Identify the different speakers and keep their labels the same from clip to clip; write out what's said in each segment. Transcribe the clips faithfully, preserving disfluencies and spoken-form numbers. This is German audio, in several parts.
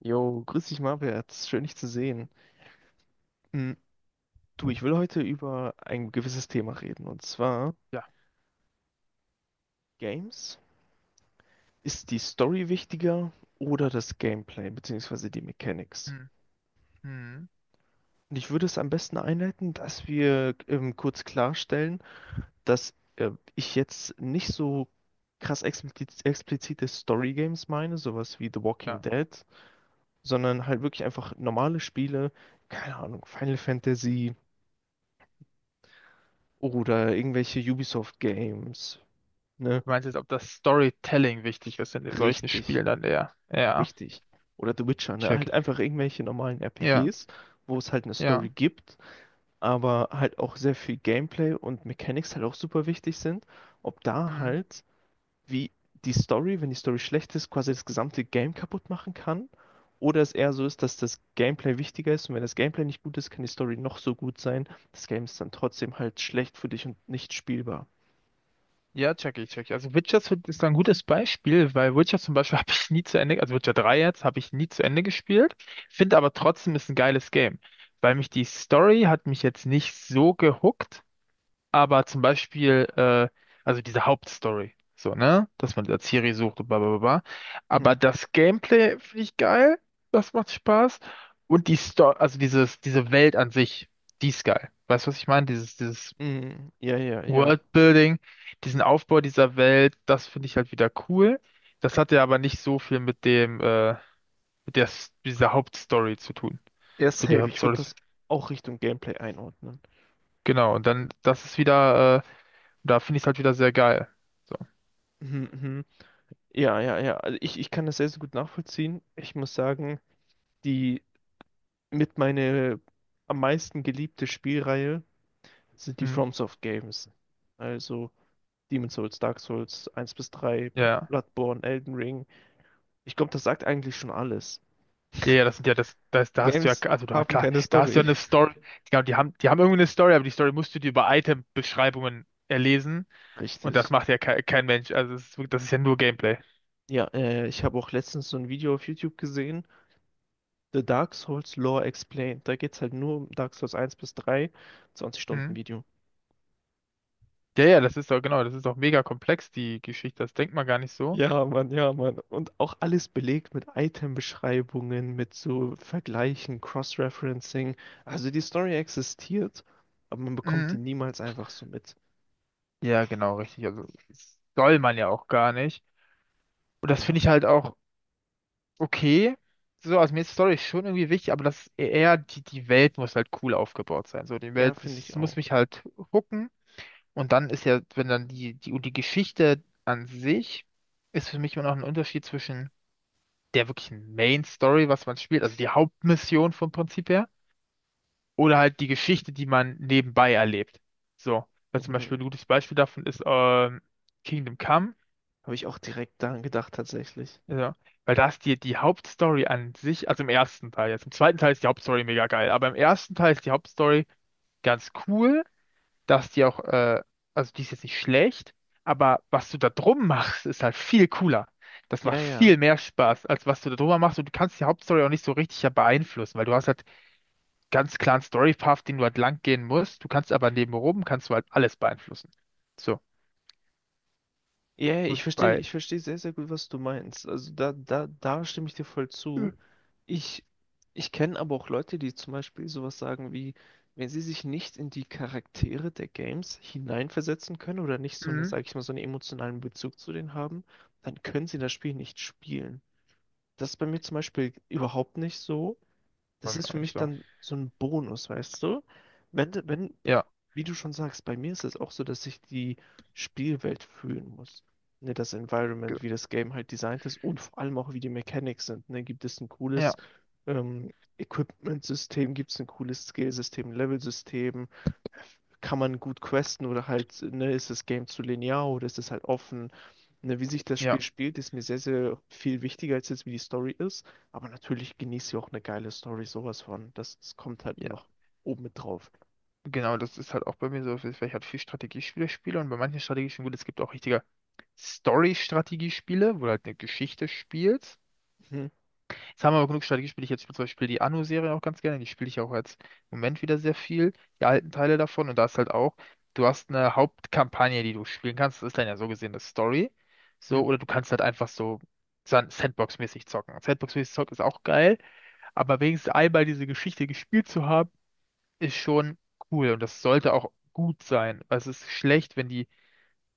Speaker 1: Jo, grüß dich, Marbert. Schön, dich zu sehen. Hm, du, ich will heute über ein gewisses Thema reden, und zwar
Speaker 2: Ja.
Speaker 1: Games. Ist die Story wichtiger oder das Gameplay, beziehungsweise die Mechanics?
Speaker 2: Hm, hm,
Speaker 1: Und ich würde es am besten einleiten, dass wir ähm, kurz klarstellen, dass äh, ich jetzt nicht so krass explizit, explizite Story-Games meine, sowas wie The
Speaker 2: ja.
Speaker 1: Walking Dead, sondern halt wirklich einfach normale Spiele, keine Ahnung, Final Fantasy oder irgendwelche Ubisoft-Games, ne?
Speaker 2: Du meinst jetzt, ob das Storytelling wichtig ist in solchen
Speaker 1: Richtig,
Speaker 2: Spielen dann eher? Ja,
Speaker 1: richtig. Oder The Witcher, ne?
Speaker 2: check
Speaker 1: Halt
Speaker 2: ich.
Speaker 1: einfach irgendwelche normalen
Speaker 2: Ja,
Speaker 1: R P Gs, wo es halt eine Story
Speaker 2: ja.
Speaker 1: gibt, aber halt auch sehr viel Gameplay und Mechanics halt auch super wichtig sind. Ob da
Speaker 2: Hm.
Speaker 1: halt, wie die Story, wenn die Story schlecht ist, quasi das gesamte Game kaputt machen kann. Oder es eher so ist, dass das Gameplay wichtiger ist und wenn das Gameplay nicht gut ist, kann die Story noch so gut sein. Das Game ist dann trotzdem halt schlecht für dich und nicht spielbar.
Speaker 2: Ja, check ich, check ich. Also Witcher ist ist da ein gutes Beispiel, weil Witcher zum Beispiel habe ich nie zu Ende, also Witcher drei jetzt, habe ich nie zu Ende gespielt, finde aber trotzdem ist ein geiles Game, weil mich die Story hat mich jetzt nicht so gehuckt. Aber zum Beispiel, äh, also diese Hauptstory, so, ne? Dass man da Ciri sucht und bla bla bla. bla.
Speaker 1: Hm.
Speaker 2: Aber das Gameplay finde ich geil. Das macht Spaß. Und die Story, also dieses, diese Welt an sich, die ist geil. Weißt du, was ich meine? Dieses, dieses
Speaker 1: Mhm. Ja, ja, ja.
Speaker 2: Worldbuilding, diesen Aufbau dieser Welt, das finde ich halt wieder cool. Das hat ja aber nicht so viel mit dem, äh, mit der, S- dieser Hauptstory zu tun.
Speaker 1: Ja,
Speaker 2: So die
Speaker 1: safe. Ich würde
Speaker 2: Hauptstory.
Speaker 1: das auch Richtung Gameplay einordnen.
Speaker 2: Genau, und dann, das ist wieder, äh, da finde ich es halt wieder sehr geil. So.
Speaker 1: Mhm, mhm. Ja, ja, ja. Also ich, ich kann das sehr, sehr gut nachvollziehen. Ich muss sagen, die mit meine am meisten geliebte Spielreihe sind die
Speaker 2: Hm.
Speaker 1: FromSoft Games. Also Demon's Souls, Dark Souls eins bis drei,
Speaker 2: Ja,
Speaker 1: Bloodborne, Elden Ring. Ich glaube, das sagt eigentlich schon alles.
Speaker 2: ja, ja, ja, das sind ja das, das,
Speaker 1: Die
Speaker 2: da hast du ja,
Speaker 1: Games
Speaker 2: also da
Speaker 1: haben
Speaker 2: klar,
Speaker 1: keine
Speaker 2: da hast du ja
Speaker 1: Story.
Speaker 2: eine Story, genau, die haben, die haben irgendwie eine Story, aber die Story musst du dir über Item-Beschreibungen erlesen und das
Speaker 1: Richtig.
Speaker 2: macht ja kein, kein Mensch, also das ist, wirklich- das ist ja nur Gameplay.
Speaker 1: Ja, äh, ich habe auch letztens so ein Video auf YouTube gesehen, The Dark Souls Lore Explained. Da geht es halt nur um Dark Souls eins bis drei, zwanzig Stunden
Speaker 2: Mhm.
Speaker 1: Video.
Speaker 2: Ja, ja, das ist doch, genau, das ist doch mega komplex, die Geschichte, das denkt man gar nicht so.
Speaker 1: Ja, Mann, ja, Mann. Und auch alles belegt mit Item-Beschreibungen, mit so Vergleichen, Cross-Referencing. Also die Story existiert, aber man bekommt die
Speaker 2: Mhm.
Speaker 1: niemals einfach so mit.
Speaker 2: Ja, genau, richtig, also das soll man ja auch gar nicht. Und das
Speaker 1: Ja,
Speaker 2: finde ich halt auch okay, so, also mir ist Story schon irgendwie wichtig, aber das e-, eher, die, die Welt muss halt cool aufgebaut sein, so, die
Speaker 1: ja,
Speaker 2: Welt,
Speaker 1: finde
Speaker 2: das
Speaker 1: ich
Speaker 2: muss
Speaker 1: auch.
Speaker 2: mich halt hooken. Und dann ist ja, wenn dann die, die, die Geschichte an sich ist für mich immer noch ein Unterschied zwischen der wirklichen Main Story, was man spielt, also die Hauptmission vom Prinzip her, oder halt die Geschichte, die man nebenbei erlebt. So, weil zum
Speaker 1: Mhm.
Speaker 2: Beispiel ein gutes Beispiel davon ist ähm, Kingdom Come,
Speaker 1: Habe ich auch direkt daran gedacht, tatsächlich.
Speaker 2: ja, weil da ist die, die Hauptstory an sich, also im ersten Teil jetzt, im zweiten Teil ist die Hauptstory mega geil, aber im ersten Teil ist die Hauptstory ganz cool, dass die auch, äh, also die ist jetzt nicht schlecht, aber was du da drum machst, ist halt viel cooler. Das macht
Speaker 1: Ja, ja.
Speaker 2: viel mehr Spaß, als was du da drüber machst. Und du kannst die Hauptstory auch nicht so richtig ja beeinflussen, weil du hast halt ganz klaren Story-Path, den du halt lang gehen musst. Du kannst aber nebenrum, kannst du halt alles beeinflussen. So,
Speaker 1: Ja, ja, ich verstehe,
Speaker 2: bei,
Speaker 1: ich verstehe sehr, sehr gut, was du meinst. Also da, da, da stimme ich dir voll zu. Ich, ich kenne aber auch Leute, die zum Beispiel sowas sagen wie, wenn sie sich nicht in die Charaktere der Games hineinversetzen können oder nicht so eine,
Speaker 2: mhm.
Speaker 1: sag ich mal, so einen emotionalen Bezug zu denen haben, dann können sie das Spiel nicht spielen. Das ist bei mir zum Beispiel überhaupt nicht so,
Speaker 2: Bei
Speaker 1: das
Speaker 2: mir
Speaker 1: ist
Speaker 2: auch
Speaker 1: für
Speaker 2: nicht
Speaker 1: mich
Speaker 2: so.
Speaker 1: dann so ein Bonus, weißt du? Wenn, wenn,
Speaker 2: Ja,
Speaker 1: wie du schon sagst, bei mir ist es auch so, dass ich die Spielwelt fühlen muss. Ne, das
Speaker 2: ge-
Speaker 1: Environment, wie das Game halt designt ist und vor allem auch, wie die Mechanics sind. Ne, gibt es ein
Speaker 2: ja,
Speaker 1: cooles ähm, Equipment-System, gibt es ein cooles Skill-System, Level-System, kann man gut questen oder halt, ne, ist das Game zu linear oder ist es halt offen? Ne, wie sich das Spiel
Speaker 2: ja,
Speaker 1: spielt, ist mir sehr, sehr viel wichtiger als jetzt, wie die Story ist. Aber natürlich genießt ihr auch eine geile Story, sowas von. Das, das kommt halt noch
Speaker 2: ja.
Speaker 1: oben mit drauf.
Speaker 2: Genau, das ist halt auch bei mir so, weil ich halt viel Strategiespiele spiele und bei manchen Strategiespielen, gut, es gibt auch richtige Story-Strategiespiele, wo du halt eine Geschichte spielst.
Speaker 1: Mhm.
Speaker 2: Jetzt haben wir aber genug Strategiespiele. Ich jetzt spiele zum Beispiel die Anno-Serie auch ganz gerne. Die spiele ich auch jetzt im Moment wieder sehr viel. Die alten Teile davon. Und da ist halt auch, du hast eine Hauptkampagne, die du spielen kannst. Das ist dann ja so gesehen eine Story. So,
Speaker 1: Ja.
Speaker 2: oder du kannst halt einfach so san- Sandbox-mäßig zocken. Sandbox-mäßig zocken ist auch geil, aber wenigstens einmal diese Geschichte gespielt zu haben, ist schon cool. Und das sollte auch gut sein. Weil es ist schlecht, wenn die,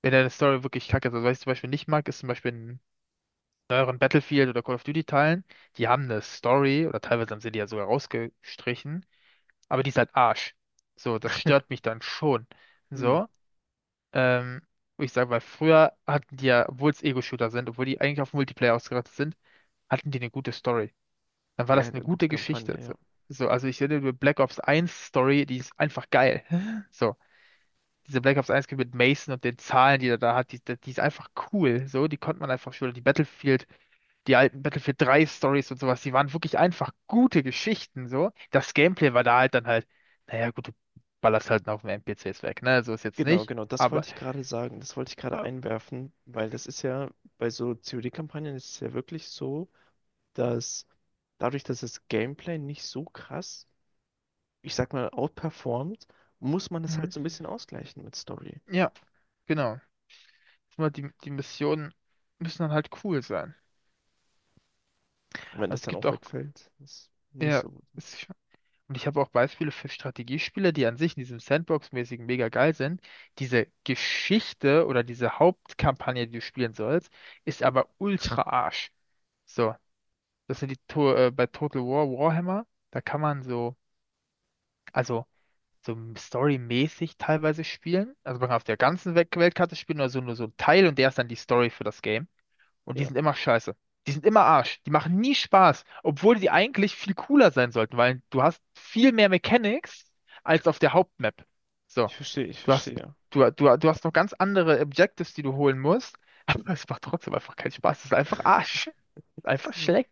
Speaker 2: wenn deine Story wirklich kacke ist. Also, was ich zum Beispiel nicht mag, ist zum Beispiel neueren Battlefield oder Call of Duty Teilen, die haben eine Story oder teilweise haben sie die ja sogar rausgestrichen, aber die ist halt Arsch. So, das stört mich dann schon.
Speaker 1: Mhm.
Speaker 2: So, ähm, wo ich sage, weil früher hatten die ja, obwohl es Ego-Shooter sind, obwohl die eigentlich auf Multiplayer ausgerichtet sind, hatten die eine gute Story. Dann war
Speaker 1: Ja,
Speaker 2: das eine
Speaker 1: eine gute
Speaker 2: gute Geschichte.
Speaker 1: Kampagne,
Speaker 2: So,
Speaker 1: ja.
Speaker 2: so also ich finde die Black Ops eins Story, die ist einfach geil. So diese Black Ops eins mit Mason und den Zahlen, die er da hat, die, die ist einfach cool. So, die konnte man einfach schon. Die Battlefield, die alten Battlefield drei Stories und sowas, die waren wirklich einfach gute Geschichten. So, das Gameplay war da halt dann halt, naja, gut, du ballerst halt auf dem N P Cs weg, ne? So ist jetzt
Speaker 1: Genau,
Speaker 2: nicht,
Speaker 1: genau, das
Speaker 2: aber
Speaker 1: wollte ich gerade sagen. Das wollte ich gerade
Speaker 2: äh,
Speaker 1: einwerfen, weil das ist ja bei so C O D-Kampagnen ist es ja wirklich so, dass dadurch, dass das Gameplay nicht so krass, ich sag mal, outperformt, muss man es
Speaker 2: mhm.
Speaker 1: halt so ein bisschen ausgleichen mit Story.
Speaker 2: Ja, genau. Nur die, die Missionen müssen dann halt cool sein.
Speaker 1: Und wenn das
Speaker 2: Also es
Speaker 1: dann
Speaker 2: gibt
Speaker 1: auch
Speaker 2: auch,
Speaker 1: wegfällt, ist nicht
Speaker 2: ja,
Speaker 1: so gut.
Speaker 2: es und ich habe auch Beispiele für Strategiespiele, die an sich in diesem Sandbox-mäßigen mega geil sind. Diese Geschichte oder diese Hauptkampagne, die du spielen sollst, ist aber ultra Arsch. So, das sind die to äh, bei Total War Warhammer, da kann man so, also so storymäßig teilweise spielen. Also man kann auf der ganzen Welt Weltkarte spielen oder so nur so ein Teil und der ist dann die Story für das Game. Und die
Speaker 1: Ja.
Speaker 2: sind immer scheiße. Die sind immer Arsch. Die machen nie Spaß, obwohl die eigentlich viel cooler sein sollten, weil du hast viel mehr Mechanics als auf der Hauptmap. So,
Speaker 1: Ich verstehe, ich
Speaker 2: du hast,
Speaker 1: verstehe.
Speaker 2: du, du, du hast noch ganz andere Objectives, die du holen musst, aber es macht trotzdem einfach keinen Spaß. Es ist einfach Arsch. Einfach schlecht.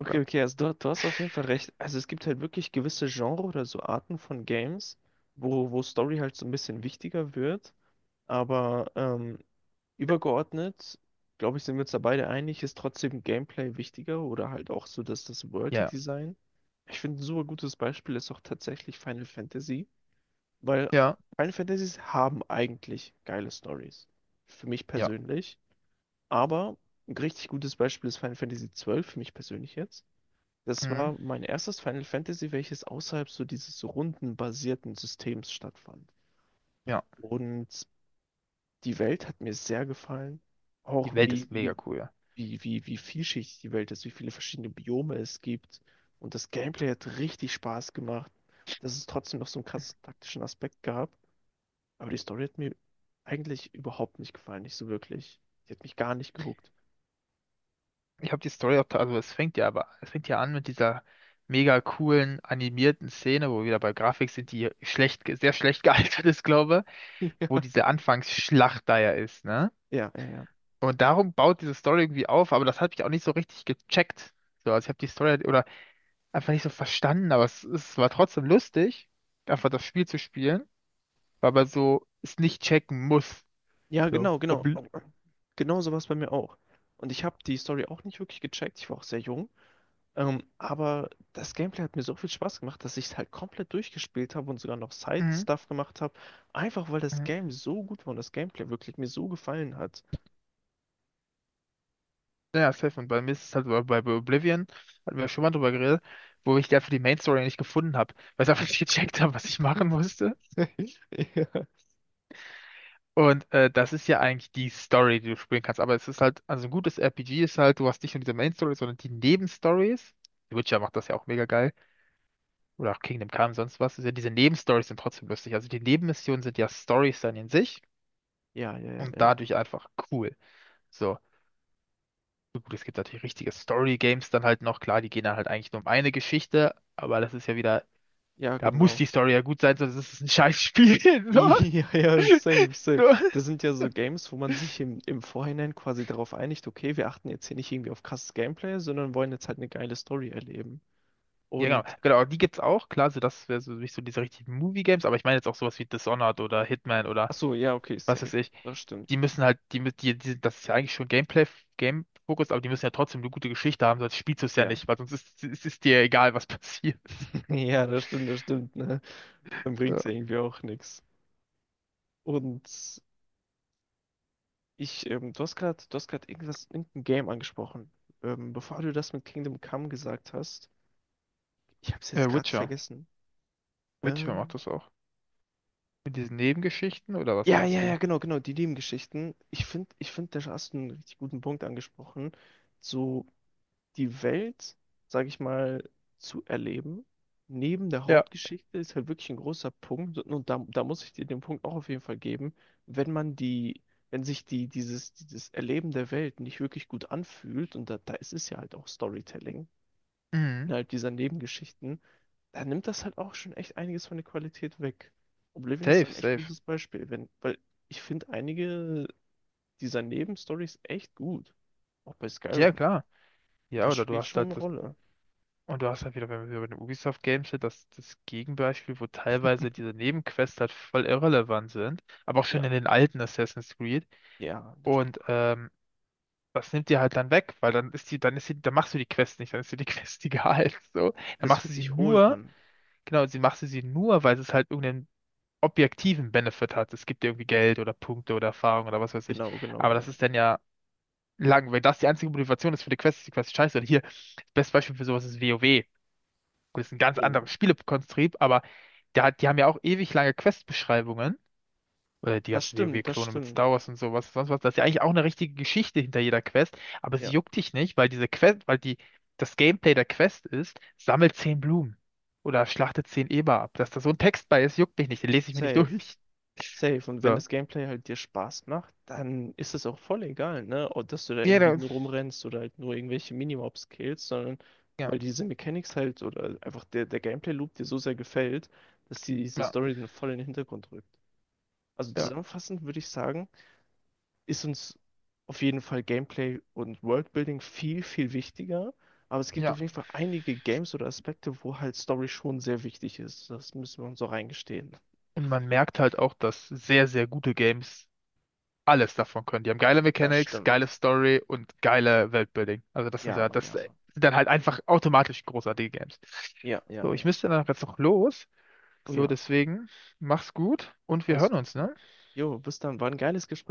Speaker 1: Okay,
Speaker 2: Ja,
Speaker 1: okay, also du, du hast auf jeden Fall recht. Also es gibt halt wirklich gewisse Genre oder so Arten von Games, wo, wo Story halt so ein bisschen wichtiger wird. Aber ähm, übergeordnet, glaube ich, sind wir uns da beide einig, ist trotzdem Gameplay wichtiger oder halt auch so dass das das
Speaker 2: ja,
Speaker 1: World Design. Ich finde, ein super gutes Beispiel ist auch tatsächlich Final Fantasy, weil
Speaker 2: ja.
Speaker 1: Final Fantasies haben eigentlich geile Stories. Für mich
Speaker 2: Ja.
Speaker 1: persönlich. Aber ein richtig gutes Beispiel ist Final Fantasy zwölf für mich persönlich jetzt. Das
Speaker 2: Mhm.
Speaker 1: war mein erstes Final Fantasy, welches außerhalb so dieses rundenbasierten Systems stattfand.
Speaker 2: Ja.
Speaker 1: Und die Welt hat mir sehr gefallen. Auch
Speaker 2: Die Welt
Speaker 1: wie,
Speaker 2: ist mega
Speaker 1: wie,
Speaker 2: cool, ja.
Speaker 1: wie, wie, wie vielschichtig die Welt ist, wie viele verschiedene Biome es gibt. Und das Gameplay hat richtig Spaß gemacht. Dass es trotzdem noch so einen krassen taktischen Aspekt gab. Aber die Story hat mir eigentlich überhaupt nicht gefallen, nicht so wirklich. Die hat mich gar nicht gehuckt.
Speaker 2: Ich habe die Story auch, ta- also es fängt ja aber, es fängt ja an mit dieser mega coolen animierten Szene, wo wir wieder bei Grafik sind, die schlecht, ge- sehr schlecht gealtert ist, glaube, wo diese Anfangsschlacht da ja ist, ne?
Speaker 1: Ja, ja, ja.
Speaker 2: Und darum baut diese Story irgendwie auf, aber das habe ich auch nicht so richtig gecheckt. So, also ich habe die Story halt- oder einfach nicht so verstanden, aber es, es war trotzdem lustig, einfach das Spiel zu spielen, weil man so es nicht checken muss.
Speaker 1: Ja,
Speaker 2: So,
Speaker 1: genau, genau.
Speaker 2: obli
Speaker 1: Genau so war es bei mir auch. Und ich habe die Story auch nicht wirklich gecheckt. Ich war auch sehr jung. Ähm, aber das Gameplay hat mir so viel Spaß gemacht, dass ich es halt komplett durchgespielt habe und sogar noch
Speaker 2: mhm.
Speaker 1: Side-Stuff gemacht habe. Einfach weil das
Speaker 2: Mhm.
Speaker 1: Game so gut war und das Gameplay wirklich mir so gefallen hat.
Speaker 2: Ja, safe. Und bei mir ist es halt bei bei Oblivion, hatten wir schon mal drüber geredet, wo ich dafür die Main Story nicht gefunden habe, weil ich einfach nicht gecheckt habe, was ich machen musste.
Speaker 1: Ja.
Speaker 2: Und äh, das ist ja eigentlich die Story, die du spielen kannst. Aber es ist halt, also ein gutes R P G ist halt, du hast nicht nur diese Main Story, sondern die Nebenstories. The Witcher macht das ja auch mega geil. Oder auch Kingdom Come, sonst was. Ist ja, diese Nebenstories sind trotzdem lustig. Also die Nebenmissionen sind ja Stories dann in sich
Speaker 1: Ja, ja, ja,
Speaker 2: und
Speaker 1: ja.
Speaker 2: dadurch einfach cool. So. Gut, es gibt natürlich richtige Story-Games dann halt noch. Klar, die gehen dann halt eigentlich nur um eine Geschichte, aber das ist ja wieder,
Speaker 1: Ja,
Speaker 2: da muss
Speaker 1: genau.
Speaker 2: die Story ja gut sein, sonst ist es ein Scheißspiel.
Speaker 1: Ja, ja, safe, safe.
Speaker 2: So, so.
Speaker 1: Das sind ja so Games, wo man sich im, im Vorhinein quasi darauf einigt, okay, wir achten jetzt hier nicht irgendwie auf krasses Gameplay, sondern wollen jetzt halt eine geile Story erleben.
Speaker 2: Ja,
Speaker 1: Und
Speaker 2: genau. Genau, die gibt's auch. Klar, so das wäre so nicht so diese richtigen Movie-Games, aber ich meine jetzt auch sowas wie Dishonored oder Hitman oder
Speaker 1: Ach so, ja, okay,
Speaker 2: was
Speaker 1: safe.
Speaker 2: weiß ich.
Speaker 1: Das stimmt.
Speaker 2: Die müssen halt, die, mü- die, die, das ist ja eigentlich schon Gameplay, Game-Fokus, aber die müssen ja trotzdem eine gute Geschichte haben, sonst spielst du es ja
Speaker 1: Ja.
Speaker 2: nicht, weil sonst ist, ist, ist dir egal, was passiert.
Speaker 1: Ja, das stimmt, das stimmt, ne? Dann bringt's
Speaker 2: Ja.
Speaker 1: ja irgendwie auch nichts. Und ich, ähm, du hast gerade, du hast gerade irgendwas, irgendein Game angesprochen. Ähm, bevor du das mit Kingdom Come gesagt hast, ich hab's jetzt
Speaker 2: Äh,
Speaker 1: gerade
Speaker 2: Witcher.
Speaker 1: vergessen.
Speaker 2: Witcher macht
Speaker 1: Ähm,
Speaker 2: das auch. Mit diesen Nebengeschichten oder was
Speaker 1: ja,
Speaker 2: meinst
Speaker 1: ja, ja,
Speaker 2: du?
Speaker 1: genau, genau, die Nebengeschichten. Ich finde, ich finde, da hast du einen richtig guten Punkt angesprochen. So, die Welt, sage ich mal, zu erleben, neben der
Speaker 2: Ja.
Speaker 1: Hauptgeschichte, ist halt wirklich ein großer Punkt. Und da, da muss ich dir den Punkt auch auf jeden Fall geben, wenn man die, wenn sich die, dieses, dieses Erleben der Welt nicht wirklich gut anfühlt, und da, da ist es ja halt auch Storytelling,
Speaker 2: Mhm.
Speaker 1: innerhalb dieser Nebengeschichten, da nimmt das halt auch schon echt einiges von der Qualität weg. Oblivion ist
Speaker 2: Safe,
Speaker 1: ein echt
Speaker 2: safe.
Speaker 1: gutes Beispiel, wenn, weil ich finde einige dieser Nebenstories echt gut, auch bei
Speaker 2: Ja,
Speaker 1: Skyrim.
Speaker 2: klar. Ja,
Speaker 1: Das
Speaker 2: oder du
Speaker 1: spielt
Speaker 2: hast
Speaker 1: schon eine
Speaker 2: halt das.
Speaker 1: Rolle.
Speaker 2: Und du hast halt wieder, wenn wir bei den Ubisoft Games sind, das, das Gegenbeispiel, wo teilweise diese Nebenquests halt voll irrelevant sind, aber auch
Speaker 1: Ja,
Speaker 2: schon in den alten Assassin's Creed.
Speaker 1: ja, das stimmt.
Speaker 2: Und ähm, das nimmt dir halt dann weg, weil dann ist die, dann ist die, dann machst du die Quest nicht, dann ist dir die Quest egal. So. Dann
Speaker 1: Das
Speaker 2: machst du
Speaker 1: fühlt
Speaker 2: sie
Speaker 1: sich hohl
Speaker 2: nur,
Speaker 1: an.
Speaker 2: genau, sie machst du sie nur, weil es halt irgendeinen objektiven Benefit hat. Es gibt dir irgendwie Geld oder Punkte oder Erfahrung oder was weiß ich.
Speaker 1: Genau, genau,
Speaker 2: Aber das
Speaker 1: genau.
Speaker 2: ist dann ja lang, weil das die einzige Motivation ist für die Quest, ist die Quest scheiße. Und hier, das beste Beispiel für sowas ist WoW. Gut, ist ein ganz
Speaker 1: Oh.
Speaker 2: anderes Spielekonstrukt, aber da, hat- die haben ja auch ewig lange Quest-Beschreibungen. Oder die
Speaker 1: Das
Speaker 2: ganzen
Speaker 1: stimmt, das
Speaker 2: WoW-Klone -Klone mit
Speaker 1: stimmt.
Speaker 2: Star Wars und sowas, sonst was. Das ist ja eigentlich auch eine richtige Geschichte hinter jeder Quest, aber sie
Speaker 1: Ja,
Speaker 2: juckt dich nicht, weil diese Quest, weil die, das Gameplay der Quest ist, sammelt zehn Blumen oder schlachte zehn Eber ab. Dass da so ein Text bei ist, juckt mich nicht, den lese ich mir nicht
Speaker 1: safe.
Speaker 2: durch.
Speaker 1: Safe. Und wenn
Speaker 2: So.
Speaker 1: das Gameplay halt dir Spaß macht, dann ist es auch voll egal, ne? Ob, dass du da irgendwie
Speaker 2: Jeder,
Speaker 1: nur rumrennst oder halt nur irgendwelche Minimobs killst, sondern
Speaker 2: ja,
Speaker 1: weil diese Mechanics halt oder einfach der, der Gameplay-Loop dir so sehr gefällt, dass die, diese
Speaker 2: ja,
Speaker 1: Story dann voll in den Hintergrund rückt. Also
Speaker 2: ja,
Speaker 1: zusammenfassend würde ich sagen, ist uns auf jeden Fall Gameplay und Worldbuilding viel, viel wichtiger. Aber es gibt
Speaker 2: ja.
Speaker 1: auf jeden Fall einige Games oder Aspekte, wo halt Story schon sehr wichtig ist. Das müssen wir uns auch eingestehen.
Speaker 2: Und man merkt halt auch, dass sehr, sehr gute Games alles davon können. Die haben geile
Speaker 1: Das
Speaker 2: Mechanics, geile
Speaker 1: stimmt.
Speaker 2: Story und geile Weltbuilding. Also das sind
Speaker 1: Ja,
Speaker 2: ja,
Speaker 1: Mann,
Speaker 2: das
Speaker 1: ja,
Speaker 2: sind
Speaker 1: Mann.
Speaker 2: dann halt einfach automatisch großartige Games.
Speaker 1: Ja, ja,
Speaker 2: So, ich
Speaker 1: ja.
Speaker 2: müsste dann auch jetzt noch los.
Speaker 1: Oh
Speaker 2: So,
Speaker 1: ja,
Speaker 2: deswegen, mach's gut und wir
Speaker 1: alles
Speaker 2: hören
Speaker 1: gut,
Speaker 2: uns,
Speaker 1: Mann.
Speaker 2: ne?
Speaker 1: Jo, bis dann. War ein geiles Gespräch.